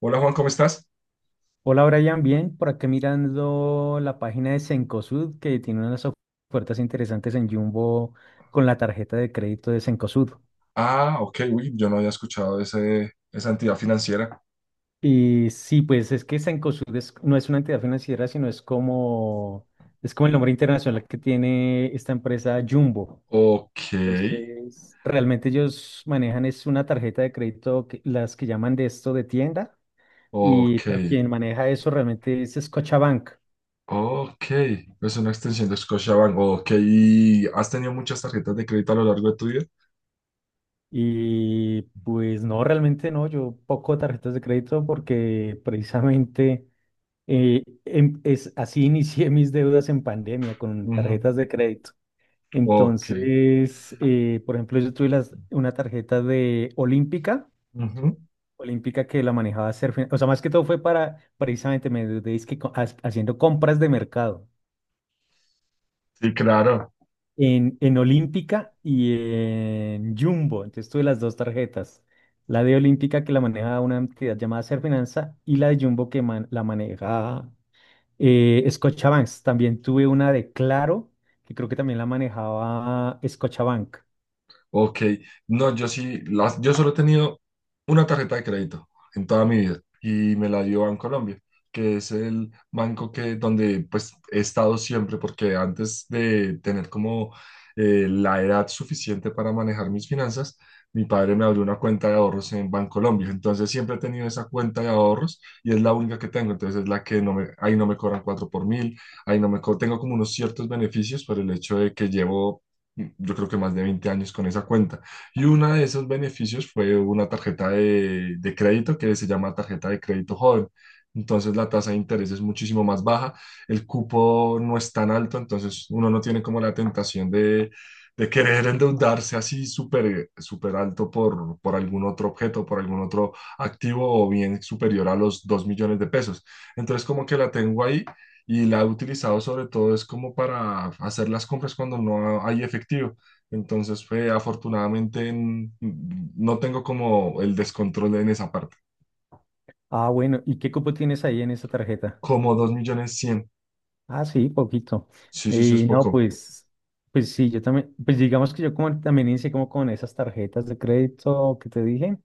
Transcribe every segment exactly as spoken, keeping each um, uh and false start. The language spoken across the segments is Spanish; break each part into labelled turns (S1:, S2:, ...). S1: Hola Juan, ¿cómo estás?
S2: Hola Brian, bien, por acá mirando la página de Cencosud que tiene unas of- ofertas interesantes en Jumbo con la tarjeta de crédito de Cencosud.
S1: Ah, ok, uy, yo no había escuchado ese, esa entidad financiera.
S2: Y sí, pues es que Cencosud es- no es una entidad financiera, sino es como, es como el nombre internacional que tiene esta empresa Jumbo.
S1: Ok,
S2: Entonces, realmente ellos manejan es una tarjeta de crédito, que- las que llaman de esto de tienda, y
S1: ok,
S2: pero quien maneja eso realmente es Scotiabank.
S1: ok. Es una extensión de Scotiabank. Ok, ¿y has tenido muchas tarjetas de crédito a lo largo de tu vida?
S2: Y pues no, realmente no, yo poco tarjetas de crédito porque precisamente eh, em- es, así inicié mis deudas en pandemia con
S1: Ujú,
S2: tarjetas de crédito.
S1: ok.
S2: Entonces, eh, por ejemplo, yo tuve las- una tarjeta de Olímpica,
S1: Ujú.
S2: Olímpica que la manejaba hacer, o sea, más que todo fue para, precisamente me endeudé es que co- ha- haciendo compras de mercado.
S1: Sí, claro.
S2: en, en Olímpica y en Jumbo. Entonces tuve las dos tarjetas. La de Olímpica que la maneja una entidad llamada Serfinanza y la de Jumbo que man- la maneja eh, Scotiabank. También tuve una de Claro, que creo que también la manejaba Scotiabank.
S1: Ok, no, yo sí, las, yo solo he tenido una tarjeta de crédito en toda mi vida y me la dio Colombia, que es el banco que, donde pues he estado siempre porque antes de tener como eh, la edad suficiente para manejar mis finanzas, mi padre me abrió una cuenta de ahorros en Bancolombia, entonces siempre he tenido esa cuenta de ahorros y es la única que tengo, entonces es la que no me, ahí no me cobran cuatro por mil, ahí no me co- tengo como unos ciertos beneficios por el hecho de que llevo yo creo que más de veinte años con esa cuenta. Y uno de esos beneficios fue una tarjeta de, de crédito que se llama tarjeta de crédito joven. Entonces la tasa de interés es muchísimo más baja, el cupo no es tan alto, entonces uno no tiene como la tentación de, de querer endeudarse así súper súper alto por, por algún otro objeto, por algún otro activo o bien superior a los dos millones de pesos. Entonces como que la tengo ahí y la he utilizado sobre todo es como para hacer las compras cuando no hay efectivo. Entonces, fue afortunadamente n- no tengo como el descontrol en esa parte.
S2: Ah, bueno, ¿y qué cupo tienes ahí en esa tarjeta?
S1: Como dos millones cien.
S2: Ah, sí, poquito.
S1: Sí, sí, sí, es
S2: Y no,
S1: poco.
S2: pues, pues, sí, yo también, pues digamos que yo como también inicié como con esas tarjetas de crédito que te dije.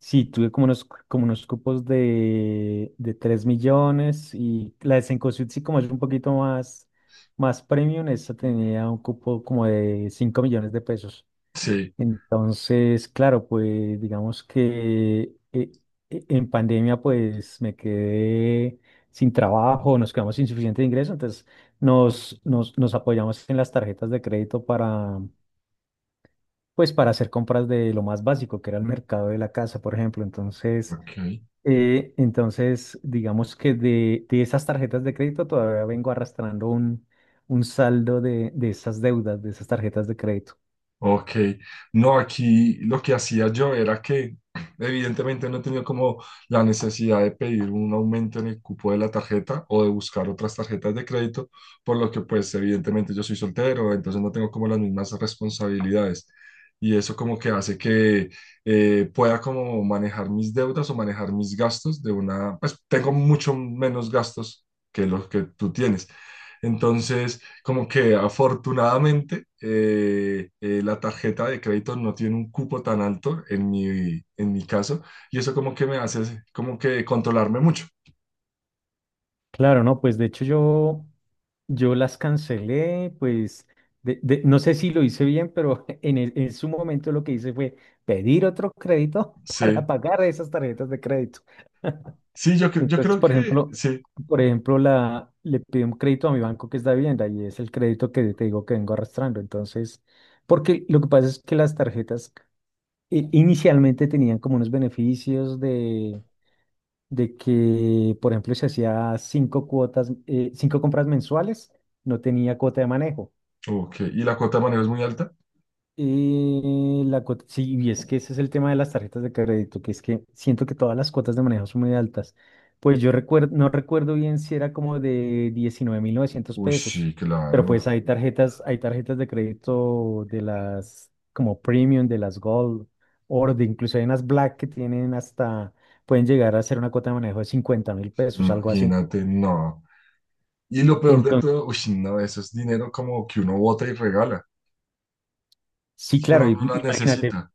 S2: Sí, tuve como unos, como unos cupos de, de tres millones y la de Cencosud sí como es un poquito más, más premium, esta tenía un cupo como de cinco millones de pesos.
S1: Sí,
S2: Entonces, claro, pues digamos que eh, eh, en pandemia pues me quedé sin trabajo, nos quedamos sin suficiente ingreso, entonces nos, nos, nos apoyamos en las tarjetas de crédito para, pues para hacer compras de lo más básico, que era el mercado de la casa, por ejemplo. Entonces...
S1: ok.
S2: Eh, entonces, digamos que de, de esas tarjetas de crédito todavía vengo arrastrando un, un saldo de, de esas deudas, de esas tarjetas de crédito.
S1: Ok, no, aquí lo que hacía yo era que evidentemente no he tenido como la necesidad de pedir un aumento en el cupo de la tarjeta o de buscar otras tarjetas de crédito, por lo que pues evidentemente yo soy soltero, entonces no tengo como las mismas responsabilidades y eso como que hace que eh, pueda como manejar mis deudas o manejar mis gastos de una, pues tengo mucho menos gastos que los que tú tienes. Entonces... Como que afortunadamente eh, eh, la tarjeta de crédito no tiene un cupo tan alto en mi, en mi caso y eso como que me hace como que controlarme mucho.
S2: Claro, no, pues de hecho yo, yo las cancelé, pues de- de- no sé si lo hice bien, pero en, el- en su momento lo que hice fue pedir otro crédito para
S1: Sí,
S2: pagar esas tarjetas de crédito.
S1: sí, yo, cre- yo
S2: Entonces,
S1: creo
S2: por
S1: que
S2: ejemplo,
S1: sí.
S2: por ejemplo, la, le pido un crédito a mi banco que es de vivienda y es el crédito que te digo que vengo arrastrando. Entonces, porque lo que pasa es que las tarjetas eh, inicialmente tenían como unos beneficios de, de que, por ejemplo, si hacía cinco cuotas, eh, cinco compras mensuales, no tenía cuota de manejo.
S1: Ok, ¿y la cuota de manejo es muy alta?
S2: Eh, la cuota, sí, y es que ese es el tema de las tarjetas de crédito, que es que siento que todas las cuotas de manejo son muy altas. Pues yo recuerdo, no recuerdo bien si era como de diecinueve mil novecientos
S1: Uy,
S2: pesos,
S1: sí,
S2: pero pues
S1: claro,
S2: hay tarjetas, hay tarjetas de crédito de las como Premium, de las Gold, Oro, de incluso hay unas Black que tienen hasta, pueden llegar a ser una cuota de manejo de cincuenta mil pesos, algo así.
S1: imagínate, no. Y lo peor de
S2: Entonces,
S1: todo, uy, no, eso es dinero como que uno bota y regala,
S2: sí,
S1: que
S2: claro,
S1: uno no
S2: im-
S1: la
S2: imagínate.
S1: necesita,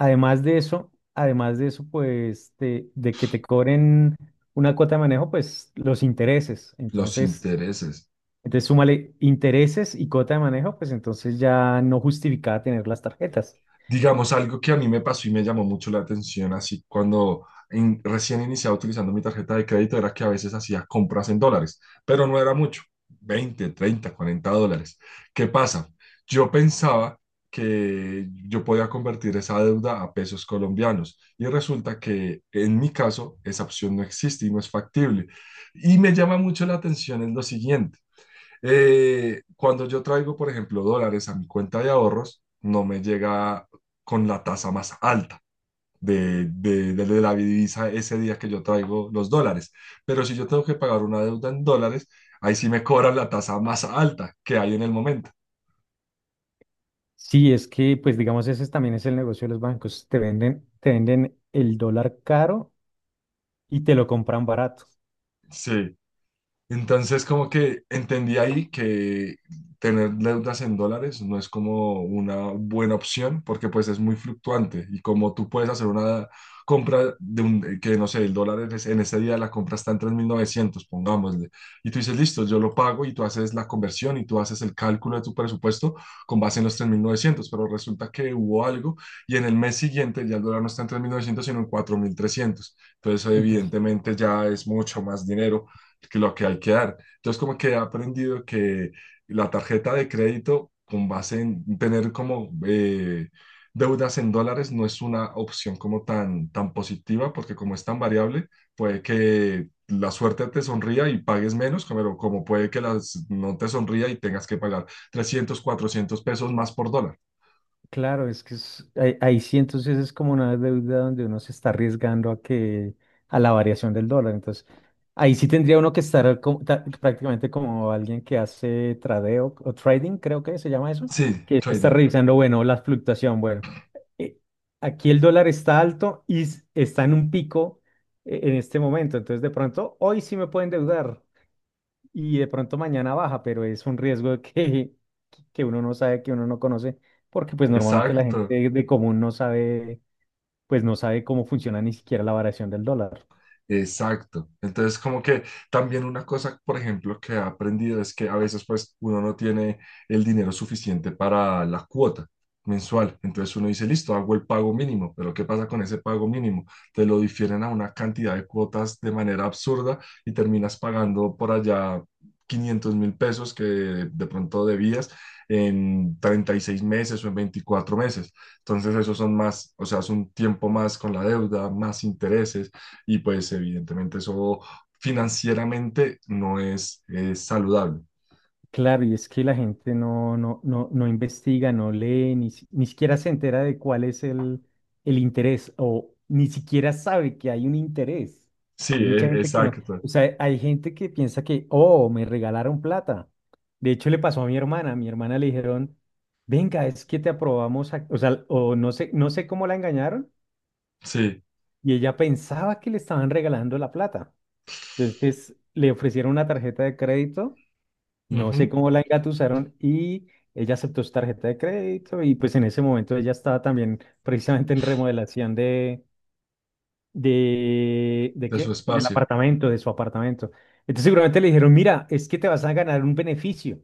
S2: Además de eso, además de eso, pues de, de que te cobren una cuota de manejo, pues los intereses.
S1: los
S2: Entonces,
S1: intereses.
S2: entonces súmale intereses y cuota de manejo, pues entonces ya no justificaba tener las tarjetas.
S1: Digamos, algo que a mí me pasó y me llamó mucho la atención, así cuando in- recién iniciaba utilizando mi tarjeta de crédito, era que a veces hacía compras en dólares, pero no era mucho, veinte treinta cuarenta dólares. ¿Qué pasa? Yo pensaba que yo podía convertir esa deuda a pesos colombianos y resulta que en mi caso esa opción no existe y no es factible. Y me llama mucho la atención en lo siguiente. Eh, cuando yo traigo, por ejemplo, dólares a mi cuenta de ahorros, no me llega con la tasa más alta de, de, de la divisa ese día que yo traigo los dólares. Pero si yo tengo que pagar una deuda en dólares, ahí sí me cobran la tasa más alta que hay en el momento.
S2: Sí, es que, pues digamos, ese es- también es el negocio de los bancos. Te venden, te venden el dólar caro y te lo compran barato.
S1: Sí. Entonces, como que entendí ahí que tener deudas en dólares no es como una buena opción porque pues es muy fluctuante y como tú puedes hacer una compra de un, eh, que no sé, el dólar en ese en ese día la compra está en tres mil novecientos pongámosle, y tú dices, listo, yo lo pago y tú haces la conversión y tú haces el cálculo de tu presupuesto con base en los tres mil novecientos, pero resulta que hubo algo y en el mes siguiente ya el dólar no está en tres mil novecientos sino en cuatro mil trescientos, entonces evidentemente ya es mucho más dinero que lo que hay que dar. Entonces, como que he aprendido que la tarjeta de crédito, con base en tener como eh, deudas en dólares, no es una opción como tan, tan positiva, porque como es tan variable, puede que la suerte te sonría y pagues menos, como, como puede que las, no te sonría y tengas que pagar trescientos cuatrocientos pesos más por dólar.
S2: Claro, es que es- ahí, ahí, sí entonces es como una deuda donde uno se está arriesgando a que a la variación del dólar. Entonces, ahí sí tendría uno que estar como- ta- prácticamente como alguien que hace tradeo o trading, creo que se llama eso,
S1: Sí,
S2: que está
S1: trading.
S2: revisando, bueno, la fluctuación, bueno, eh, aquí el dólar está alto y s- está en un pico eh, en este momento, entonces de pronto hoy sí me pueden endeudar y de pronto mañana baja, pero es un riesgo que, que uno no sabe, que uno no conoce, porque pues normalmente la
S1: Exacto.
S2: gente de común no sabe, pues no sabe cómo funciona ni siquiera la variación del dólar.
S1: Exacto. Entonces, como que también una cosa, por ejemplo, que he aprendido es que a veces pues uno no tiene el dinero suficiente para la cuota mensual. Entonces uno dice, listo, hago el pago mínimo, pero ¿qué pasa con ese pago mínimo? Te lo difieren a una cantidad de cuotas de manera absurda y terminas pagando por allá quinientos mil pesos que de pronto debías en treinta y seis meses o en veinticuatro meses. Entonces, esos son más, o sea, es un tiempo más con la deuda, más intereses y pues evidentemente eso financieramente no es, es saludable.
S2: Claro, y es que la gente no, no, no, no investiga, no lee, ni, si- ni siquiera se entera de cuál es el, el interés o ni siquiera sabe que hay un interés.
S1: Sí,
S2: Hay mucha
S1: e-
S2: gente que no,
S1: exacto.
S2: o sea, hay gente que piensa que, oh, me regalaron plata. De hecho, le pasó a mi hermana, a mi hermana le dijeron, venga, es que te aprobamos, ac- o sea, o no sé, no sé cómo la engañaron
S1: Sí,
S2: y ella pensaba que le estaban regalando la plata. Entonces, le ofrecieron una tarjeta de crédito, no sé
S1: ujú,
S2: cómo la engatusaron y ella aceptó su tarjeta de crédito, y pues en ese momento ella estaba también precisamente en remodelación de, de, ¿de
S1: de su
S2: qué? Del
S1: espacio.
S2: apartamento, de su apartamento. Entonces seguramente le dijeron, mira, es que te vas a ganar un beneficio.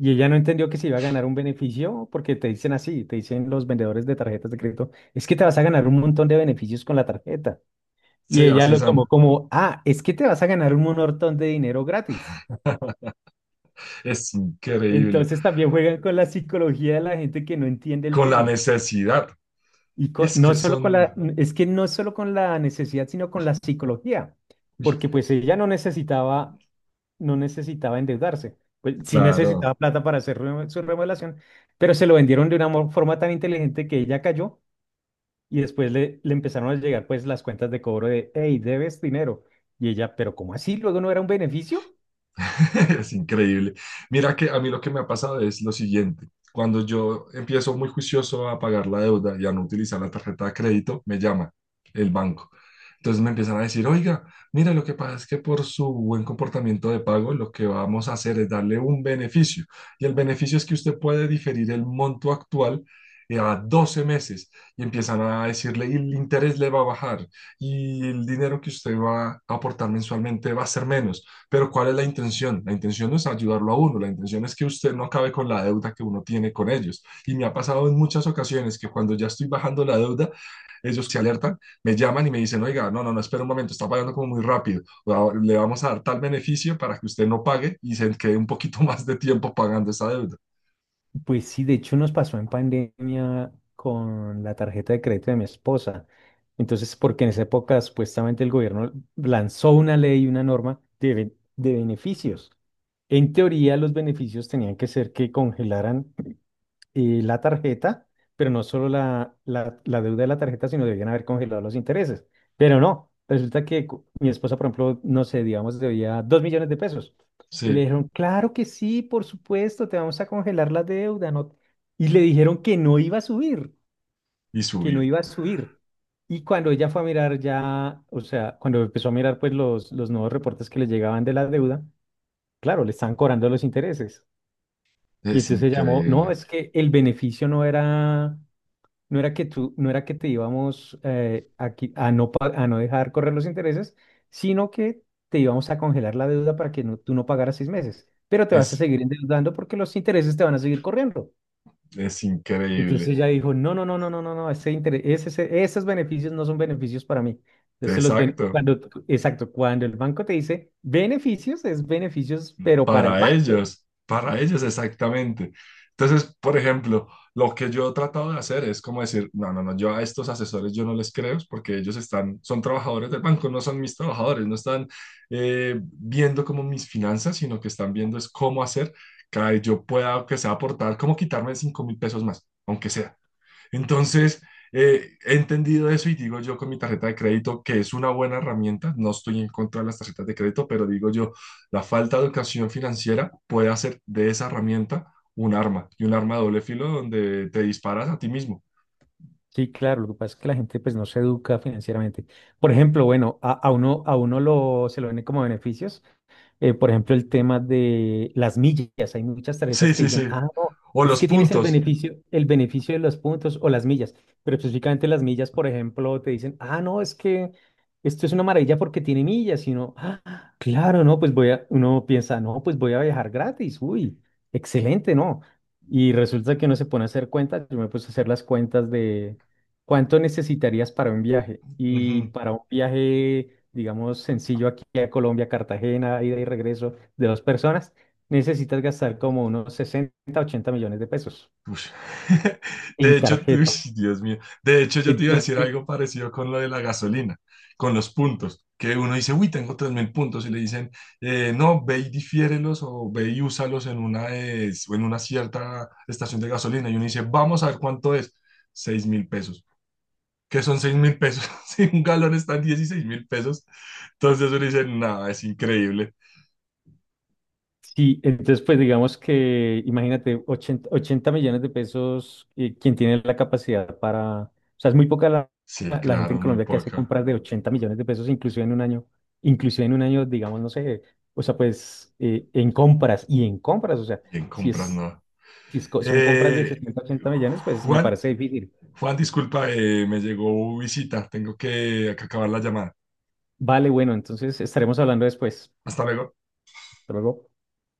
S2: Y ella no entendió que se iba a ganar un beneficio porque te dicen así, te dicen los vendedores de tarjetas de crédito, es que te vas a ganar un montón de beneficios con la tarjeta. Y
S1: Sí,
S2: ella
S1: así
S2: lo
S1: son.
S2: tomó como, ah, es que te vas a ganar un montón de dinero gratis.
S1: Es increíble.
S2: Entonces también juegan con la psicología de la gente que no entiende el
S1: Con la
S2: tema.
S1: necesidad.
S2: Y
S1: Y
S2: co-
S1: es que
S2: no solo con
S1: son,
S2: la, es que no solo con la necesidad, sino con la psicología,
S1: uy,
S2: porque pues ella no necesitaba, no necesitaba endeudarse, pues sí
S1: claro.
S2: necesitaba plata para hacer remo- su remodelación, pero se lo vendieron de una mo- forma tan inteligente que ella cayó y después le, le empezaron a llegar pues las cuentas de cobro de, hey, debes dinero. Y ella, pero ¿cómo así? Luego no era un beneficio.
S1: Es increíble. Mira que a mí lo que me ha pasado es lo siguiente. Cuando yo empiezo muy juicioso a pagar la deuda y a no utilizar la tarjeta de crédito, me llama el banco. Entonces me empiezan a decir, oiga, mira, lo que pasa es que por su buen comportamiento de pago, lo que vamos a hacer es darle un beneficio. Y el beneficio es que usted puede diferir el monto actual eh, a doce meses y empiezan a decirle, y el interés le va a bajar y el dinero que usted va a aportar mensualmente va a ser menos. Pero ¿cuál es la intención? La intención no es ayudarlo a uno, la intención es que usted no acabe con la deuda que uno tiene con ellos. Y me ha pasado en muchas ocasiones que cuando ya estoy bajando la deuda, ellos se alertan, me llaman y me dicen, oiga, no, no, no, espera un momento, está pagando como muy rápido, o le vamos a dar tal beneficio para que usted no pague y se quede un poquito más de tiempo pagando esa deuda.
S2: Pues sí, de hecho nos pasó en pandemia con la tarjeta de crédito de mi esposa. Entonces, porque en esa época supuestamente el gobierno lanzó una ley, una norma de, ben- de beneficios. En teoría, los beneficios tenían que ser que congelaran y la tarjeta, pero no solo la, la, la deuda de la tarjeta, sino debían haber congelado los intereses. Pero no, resulta que cu- mi esposa, por ejemplo, no sé, digamos, debía dos millones de pesos. Y le
S1: Sí,
S2: dijeron, claro que sí, por supuesto, te vamos a congelar la deuda. No. Y le dijeron que no iba a subir,
S1: y
S2: que no
S1: subió.
S2: iba a subir. Y cuando ella fue a mirar ya, o sea, cuando empezó a mirar pues los, los nuevos reportes que le llegaban de la deuda, claro, le están cobrando los intereses. Y
S1: Es
S2: entonces llamó, no,
S1: increíble,
S2: es que el beneficio no era no era que tú, no era que te íbamos eh, a, qui- a no, pa- a no dejar correr los intereses, sino que te íbamos a congelar la deuda para que no- tú no pagaras seis meses, pero te vas a
S1: es,
S2: seguir endeudando porque los intereses te van a seguir corriendo.
S1: es
S2: Entonces
S1: increíble.
S2: ella dijo, no, no, no, no, no, no, no, ese interés ese- ese- esos beneficios no son beneficios para mí. Entonces los ben-
S1: Exacto,
S2: cuando, exacto, cuando el banco te dice beneficios, es beneficios, pero para el
S1: para
S2: banco.
S1: ellos, para ellos exactamente. Entonces, por ejemplo, lo que yo he tratado de hacer es como decir, no, no, no, yo a estos asesores yo no les creo porque ellos están, son trabajadores del banco, no son mis trabajadores, no están eh, viendo como mis finanzas, sino que están viendo es cómo hacer que yo pueda, que sea aportar, cómo quitarme cinco mil pesos más, aunque sea. Entonces, eh, he entendido eso y digo yo con mi tarjeta de crédito que es una buena herramienta, no estoy en contra de las tarjetas de crédito, pero digo yo, la falta de educación financiera puede hacer de esa herramienta un arma y un arma de doble filo donde te disparas a ti mismo.
S2: Sí, claro, lo que pasa es que la gente pues no se educa financieramente. Por ejemplo, bueno, a, a uno, a uno lo, se lo ven como beneficios. Eh, por ejemplo, el tema de las millas. Hay muchas tarjetas
S1: Sí,
S2: que
S1: sí,
S2: dicen,
S1: sí.
S2: ah, no,
S1: O
S2: es
S1: los
S2: que tienes el
S1: puntos.
S2: beneficio, el beneficio de los puntos o las millas. Pero específicamente las millas, por ejemplo, te dicen, ah, no, es que esto es una maravilla porque tiene millas. Y uno, ah, claro, no, pues voy a, uno piensa, no, pues voy a viajar gratis. Uy, excelente, ¿no? Y resulta que uno se pone a hacer cuentas. Yo me puse a hacer las cuentas de ¿cuánto necesitarías para un viaje? Y
S1: Ujú.
S2: para un viaje, digamos, sencillo aquí a Colombia, Cartagena, ida y regreso de dos personas, necesitas gastar como unos sesenta, ochenta millones de pesos
S1: Ush. De
S2: en
S1: hecho,
S2: tarjeta.
S1: ush, Dios mío, de hecho yo te iba a decir
S2: Entonces,
S1: algo parecido con lo de la gasolina, con los puntos, que uno dice, uy, tengo tres mil puntos y le dicen, eh, no, ve y difiérelos o ve y úsalos en una, eh, o en una cierta estación de gasolina. Y uno dice, vamos a ver cuánto es, seis mil pesos. ¿Qué son seis mil pesos? Si un galón está en dieciséis mil pesos. Entonces uno dice, nada, es increíble.
S2: sí, entonces pues digamos que imagínate ochenta 80 millones de pesos, eh, quien tiene la capacidad para, o sea, es muy poca la,
S1: Sí,
S2: la gente en
S1: claro, muy
S2: Colombia que hace
S1: poca.
S2: compras de ochenta millones de pesos inclusive en un año, inclusive en un año, digamos, no sé, o sea, pues eh, en compras y en compras, o sea,
S1: Y en
S2: si
S1: compras
S2: es,
S1: no.
S2: si es co- son compras de
S1: Eh,
S2: setenta, ochenta millones, pues me
S1: Juan,
S2: parece difícil.
S1: Juan, disculpa, eh, me llegó visita. Tengo que acabar la llamada.
S2: Vale, bueno, entonces estaremos hablando después.
S1: Hasta luego.
S2: Hasta luego.